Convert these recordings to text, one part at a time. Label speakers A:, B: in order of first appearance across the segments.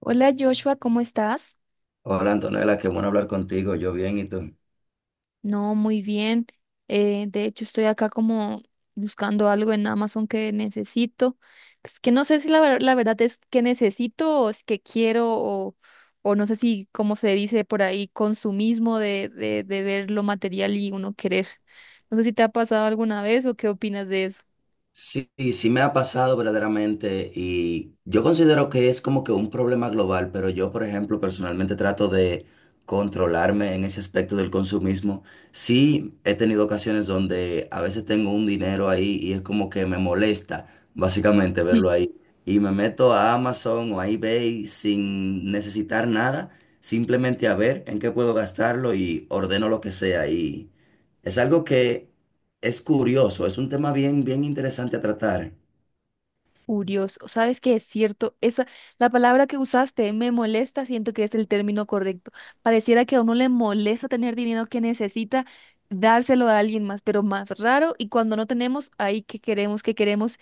A: Hola Joshua, ¿cómo estás?
B: Hola Antonella, qué bueno hablar contigo. Yo bien, ¿y tú?
A: No, muy bien. De hecho, estoy acá como buscando algo en Amazon que necesito. Pues que no sé si la verdad es que necesito o es que quiero, o no sé si, como se dice por ahí, consumismo de ver lo material y uno querer. No sé si te ha pasado alguna vez o qué opinas de eso.
B: Sí, sí me ha pasado verdaderamente y yo considero que es como que un problema global, pero yo, por ejemplo, personalmente trato de controlarme en ese aspecto del consumismo. Sí he tenido ocasiones donde a veces tengo un dinero ahí y es como que me molesta básicamente verlo ahí y me meto a Amazon o a eBay sin necesitar nada, simplemente a ver en qué puedo gastarlo y ordeno lo que sea y es algo que... Es curioso, es un tema bien, bien interesante a tratar.
A: Furioso, ¿sabes qué? Es cierto, esa, la palabra que usaste, me molesta, siento que es el término correcto. Pareciera que a uno le molesta tener dinero que necesita dárselo a alguien más, pero más raro y cuando no tenemos, ahí que queremos, que queremos,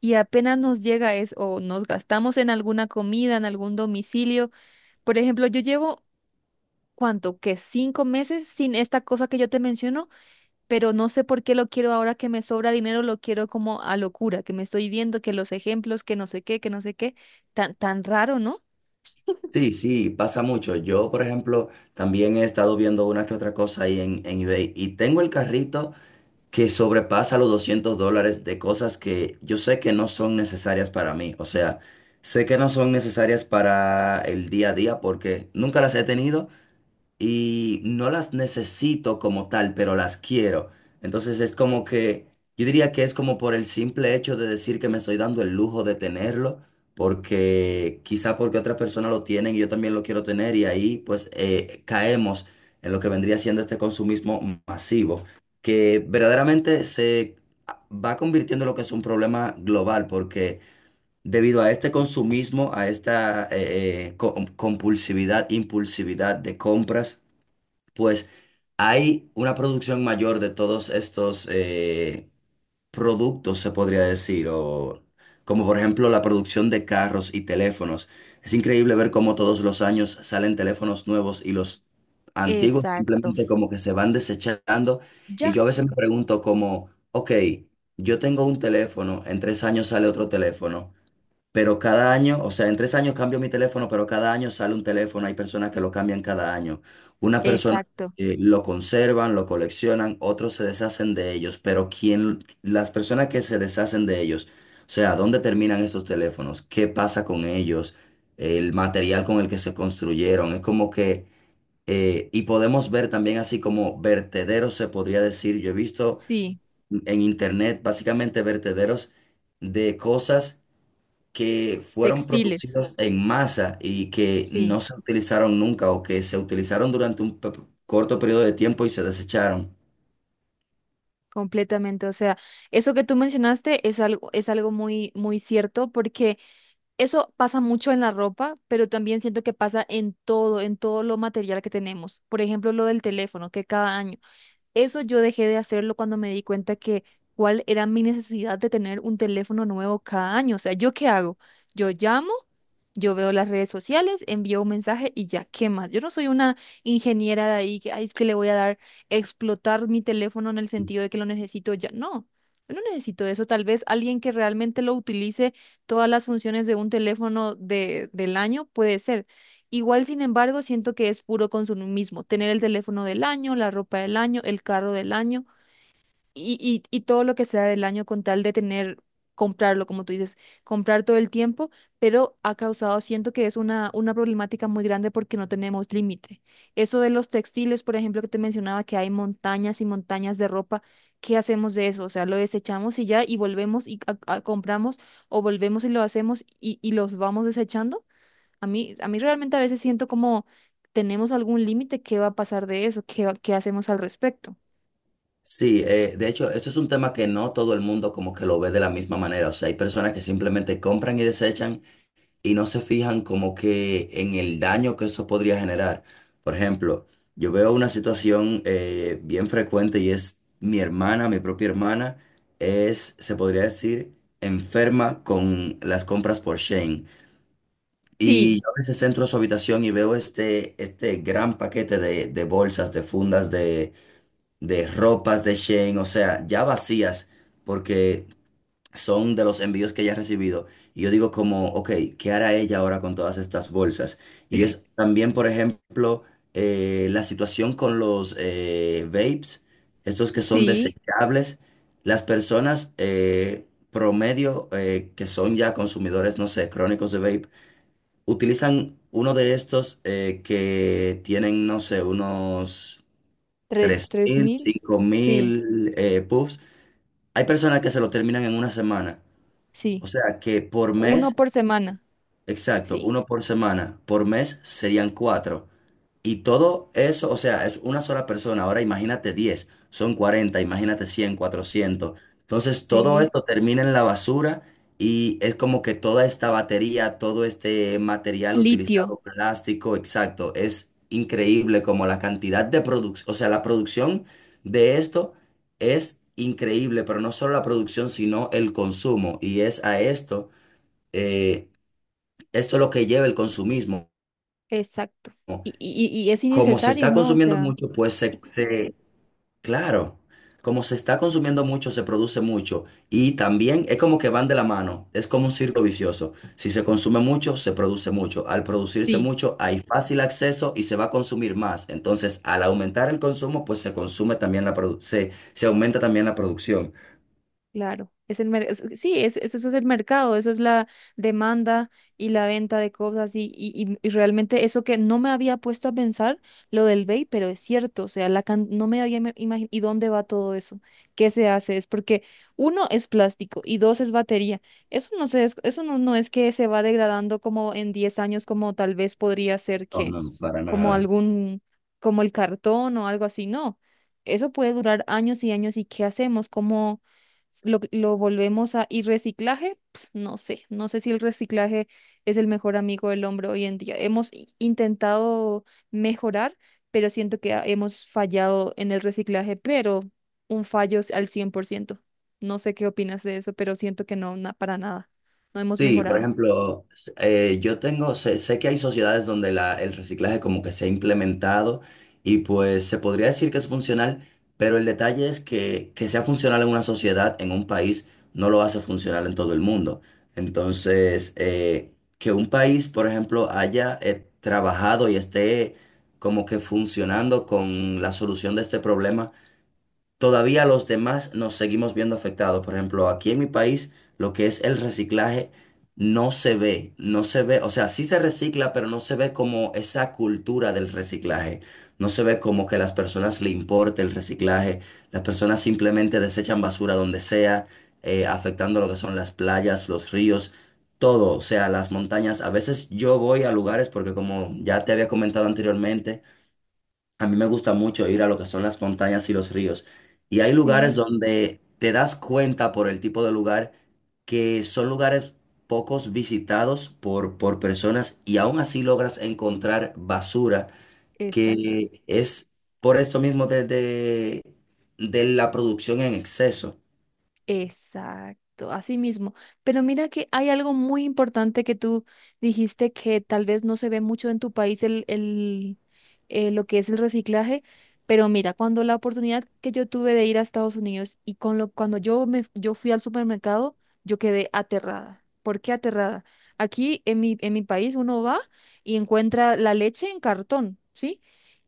A: y apenas nos llega es o nos gastamos en alguna comida, en algún domicilio. Por ejemplo, yo llevo, ¿cuánto? Que 5 meses sin esta cosa que yo te menciono, pero no sé por qué lo quiero ahora que me sobra dinero, lo quiero como a locura, que me estoy viendo, que los ejemplos, que no sé qué, que no sé qué, tan raro, ¿no?
B: Sí, sí, pasa mucho. Yo, por ejemplo, también he estado viendo una que otra cosa ahí en eBay y tengo el carrito que sobrepasa los 200 dólares de cosas que yo sé que no son necesarias para mí. O sea, sé que no son necesarias para el día a día porque nunca las he tenido y no las necesito como tal, pero las quiero. Entonces es como que, yo diría que es como por el simple hecho de decir que me estoy dando el lujo de tenerlo, porque quizá porque otras personas lo tienen y yo también lo quiero tener y ahí pues caemos en lo que vendría siendo este consumismo masivo, que verdaderamente se va convirtiendo en lo que es un problema global, porque debido a este consumismo, a esta compulsividad, impulsividad de compras, pues hay una producción mayor de todos estos productos, se podría decir, o como por ejemplo la producción de carros y teléfonos. Es increíble ver cómo todos los años salen teléfonos nuevos y los antiguos
A: Exacto.
B: simplemente como que se van desechando. Y yo
A: Ya,
B: a veces me pregunto como, ok, yo tengo un teléfono, en 3 años sale otro teléfono. Pero cada año, o sea, en 3 años cambio mi teléfono, pero cada año sale un teléfono. Hay personas que lo cambian cada año. Unas personas
A: exacto.
B: lo conservan, lo coleccionan, otros se deshacen de ellos. Pero quién, las personas que se deshacen de ellos, o sea, ¿dónde terminan esos teléfonos? ¿Qué pasa con ellos? El material con el que se construyeron. Es como que, y podemos ver también así como vertederos, se podría decir. Yo he visto
A: Sí,
B: en internet básicamente vertederos de cosas que fueron
A: textiles.
B: producidos en masa y que
A: Sí,
B: no se utilizaron nunca o que se utilizaron durante un corto periodo de tiempo y se desecharon.
A: completamente. O sea, eso que tú mencionaste es algo muy, muy cierto, porque eso pasa mucho en la ropa, pero también siento que pasa en todo lo material que tenemos. Por ejemplo, lo del teléfono, que cada año. Eso yo dejé de hacerlo cuando me di cuenta que cuál era mi necesidad de tener un teléfono nuevo cada 1 año. O sea, ¿yo qué hago? Yo llamo, yo veo las redes sociales, envío un mensaje y ya, ¿qué más? Yo no soy una ingeniera de ahí que, ay, es que le voy a dar, explotar mi teléfono en el sentido de que lo necesito ya. No, yo no necesito eso. Tal vez alguien que realmente lo utilice todas las funciones de un teléfono de, del año, puede ser. Igual, sin embargo, siento que es puro consumismo. Tener el teléfono del año, la ropa del año, el carro del año y, y todo lo que sea del año con tal de tener, comprarlo, como tú dices, comprar todo el tiempo, pero ha causado, siento que es una problemática muy grande porque no tenemos límite. Eso de los textiles, por ejemplo, que te mencionaba que hay montañas y montañas de ropa, ¿qué hacemos de eso? O sea, lo desechamos y ya, y volvemos y compramos, o volvemos y lo hacemos y los vamos desechando. A mí realmente a veces siento como... ¿Tenemos algún límite? ¿Qué va a pasar de eso? ¿Qué, qué hacemos al respecto?
B: Sí, de hecho, esto es un tema que no todo el mundo como que lo ve de la misma manera. O sea, hay personas que simplemente compran y desechan y no se fijan como que en el daño que eso podría generar. Por ejemplo, yo veo una situación bien frecuente y es mi hermana, mi propia hermana, es, se podría decir, enferma con las compras por Shane. Y
A: Sí,
B: yo a veces entro a su habitación y veo este gran paquete de bolsas, de fundas, de ropas de Shane, o sea, ya vacías, porque son de los envíos que ella ha recibido. Y yo digo como, ok, ¿qué hará ella ahora con todas estas bolsas? Y es también, por ejemplo, la situación con los vapes, estos que son
A: sí.
B: desechables. Las personas promedio que son ya consumidores, no sé, crónicos de vape, utilizan uno de estos que tienen, no sé, unos
A: ¿Tres
B: 3.000,
A: mil? Sí,
B: 5.000 puffs. Hay personas que se lo terminan en una semana.
A: sí.
B: O sea que por
A: Uno
B: mes,
A: por semana.
B: exacto,
A: Sí,
B: uno por semana, por mes serían cuatro. Y todo eso, o sea, es una sola persona. Ahora imagínate 10, son 40. Imagínate 100, 400. Entonces todo
A: sí.
B: esto termina en la basura y es como que toda esta batería, todo este material
A: Litio,
B: utilizado, plástico, exacto, es increíble como la cantidad de producción, o sea, la producción de esto es increíble, pero no solo la producción, sino el consumo. Y es a esto eh, esto es lo que lleva el consumismo.
A: exacto. Y es
B: Como se
A: innecesario,
B: está
A: ¿no? O
B: consumiendo
A: sea,
B: mucho, pues claro, como se está consumiendo mucho, se produce mucho. Y también es como que van de la mano, es como un círculo vicioso. Si se consume mucho, se produce mucho. Al producirse
A: sí.
B: mucho, hay fácil acceso y se va a consumir más. Entonces, al aumentar el consumo, pues se consume también se aumenta también la producción.
A: Claro, es el sí, eso es el mercado, eso es la demanda y la venta de cosas y realmente eso que no me había puesto a pensar, lo del vape, pero es cierto, o sea, la no me había imaginado, ¿y dónde va todo eso? ¿Qué se hace? Es porque uno es plástico y dos es batería. Eso no se eso no, no es que se va degradando como en 10 años, como tal vez podría ser
B: No,
A: que,
B: no, para
A: como
B: nada.
A: algún, como el cartón o algo así, no. Eso puede durar años y años, ¿y qué hacemos? Lo volvemos a... ¿Y reciclaje? Ps, no sé, no sé si el reciclaje es el mejor amigo del hombre hoy en día. Hemos intentado mejorar, pero siento que hemos fallado en el reciclaje, pero un fallo es al 100%. No sé qué opinas de eso, pero siento que no, para nada. No hemos
B: Sí, por
A: mejorado.
B: ejemplo, yo tengo, sé que hay sociedades donde la, el reciclaje como que se ha implementado y pues se podría decir que es funcional, pero el detalle es que sea funcional en una sociedad, en un país, no lo hace funcional en todo el mundo. Entonces, que un país, por ejemplo, haya trabajado y esté como que funcionando con la solución de este problema todavía los demás nos seguimos viendo afectados. Por ejemplo, aquí en mi país, lo que es el reciclaje no se ve, no se ve, o sea, sí se recicla, pero no se ve como esa cultura del reciclaje. No se ve como que a las personas le importe el reciclaje. Las personas simplemente desechan basura donde sea, afectando lo que son las playas, los ríos. Todo, o sea, las montañas. A veces yo voy a lugares porque como ya te había comentado anteriormente, a mí me gusta mucho ir a lo que son las montañas y los ríos. Y hay lugares
A: Sí.
B: donde te das cuenta por el tipo de lugar que son lugares pocos visitados por personas y aún así logras encontrar basura,
A: Exacto.
B: que es por esto mismo de la producción en exceso.
A: Exacto, así mismo. Pero mira que hay algo muy importante que tú dijiste, que tal vez no se ve mucho en tu país lo que es el reciclaje, pero mira, cuando la oportunidad que yo tuve de ir a Estados Unidos y con lo, cuando yo fui al supermercado, yo quedé aterrada. ¿Por qué aterrada? Aquí en mi país uno va y encuentra la leche en cartón, ¿sí?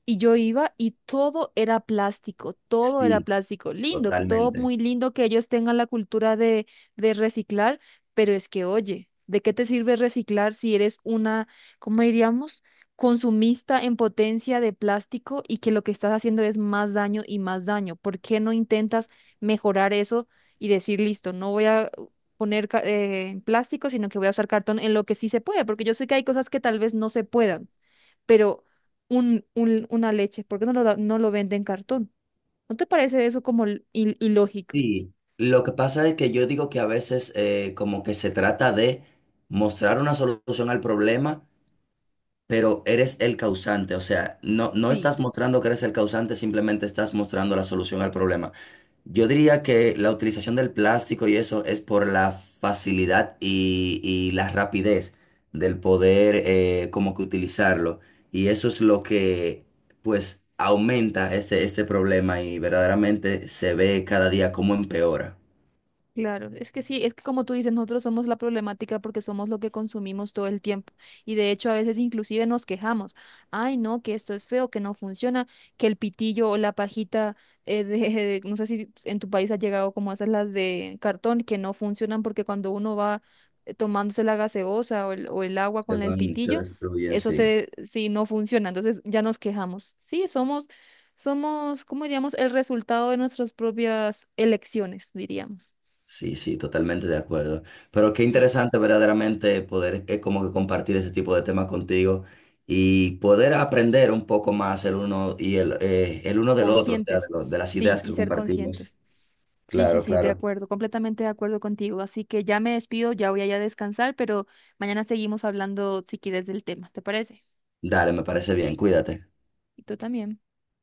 A: Y yo iba y todo era plástico, todo era
B: Sí,
A: plástico. Lindo, que todo
B: totalmente.
A: muy lindo que ellos tengan la cultura de reciclar, pero es que, oye, ¿de qué te sirve reciclar si eres una, ¿cómo diríamos? Consumista en potencia de plástico, y que lo que estás haciendo es más daño y más daño. ¿Por qué no intentas mejorar eso y decir, listo, no voy a poner plástico, sino que voy a usar cartón en lo que sí se puede? Porque yo sé que hay cosas que tal vez no se puedan, pero un, una leche, ¿por qué no lo, no lo vende en cartón? ¿No te parece eso como ilógico?
B: Sí, lo que pasa es que yo digo que a veces como que se trata de mostrar una solución al problema pero eres el causante, o sea, no, no estás mostrando que eres el causante, simplemente estás mostrando la solución al problema. Yo diría que la utilización del plástico y eso es por la facilidad y la rapidez del poder como que utilizarlo. Y eso es lo que pues aumenta este, este problema y verdaderamente se ve cada día cómo empeora.
A: Claro, es que sí, es que como tú dices, nosotros somos la problemática porque somos lo que consumimos todo el tiempo. Y de hecho a veces inclusive nos quejamos, ay no, que esto es feo, que no funciona, que el pitillo o la pajita, no sé si en tu país ha llegado como esas las de cartón, que no funcionan porque cuando uno va tomándose la gaseosa o el agua
B: Se
A: con el
B: van, se
A: pitillo,
B: destruyen,
A: eso
B: sí.
A: se, sí, no funciona. Entonces ya nos quejamos. Sí, somos, somos, ¿cómo diríamos? El resultado de nuestras propias elecciones, diríamos.
B: Sí, sí, totalmente de acuerdo. Pero qué
A: Sí.
B: interesante verdaderamente poder como que compartir ese tipo de temas contigo y poder aprender un poco más el uno y el uno del otro, o sea,
A: Conscientes,
B: de las
A: sí,
B: ideas
A: y
B: que
A: ser
B: compartimos.
A: conscientes. Sí, sí,
B: Claro,
A: sí, de
B: claro.
A: acuerdo, completamente de acuerdo contigo. Así que ya me despido, ya voy allá a descansar, pero mañana seguimos hablando si quieres del tema, ¿te parece?
B: Dale, me parece bien, cuídate.
A: Y tú también.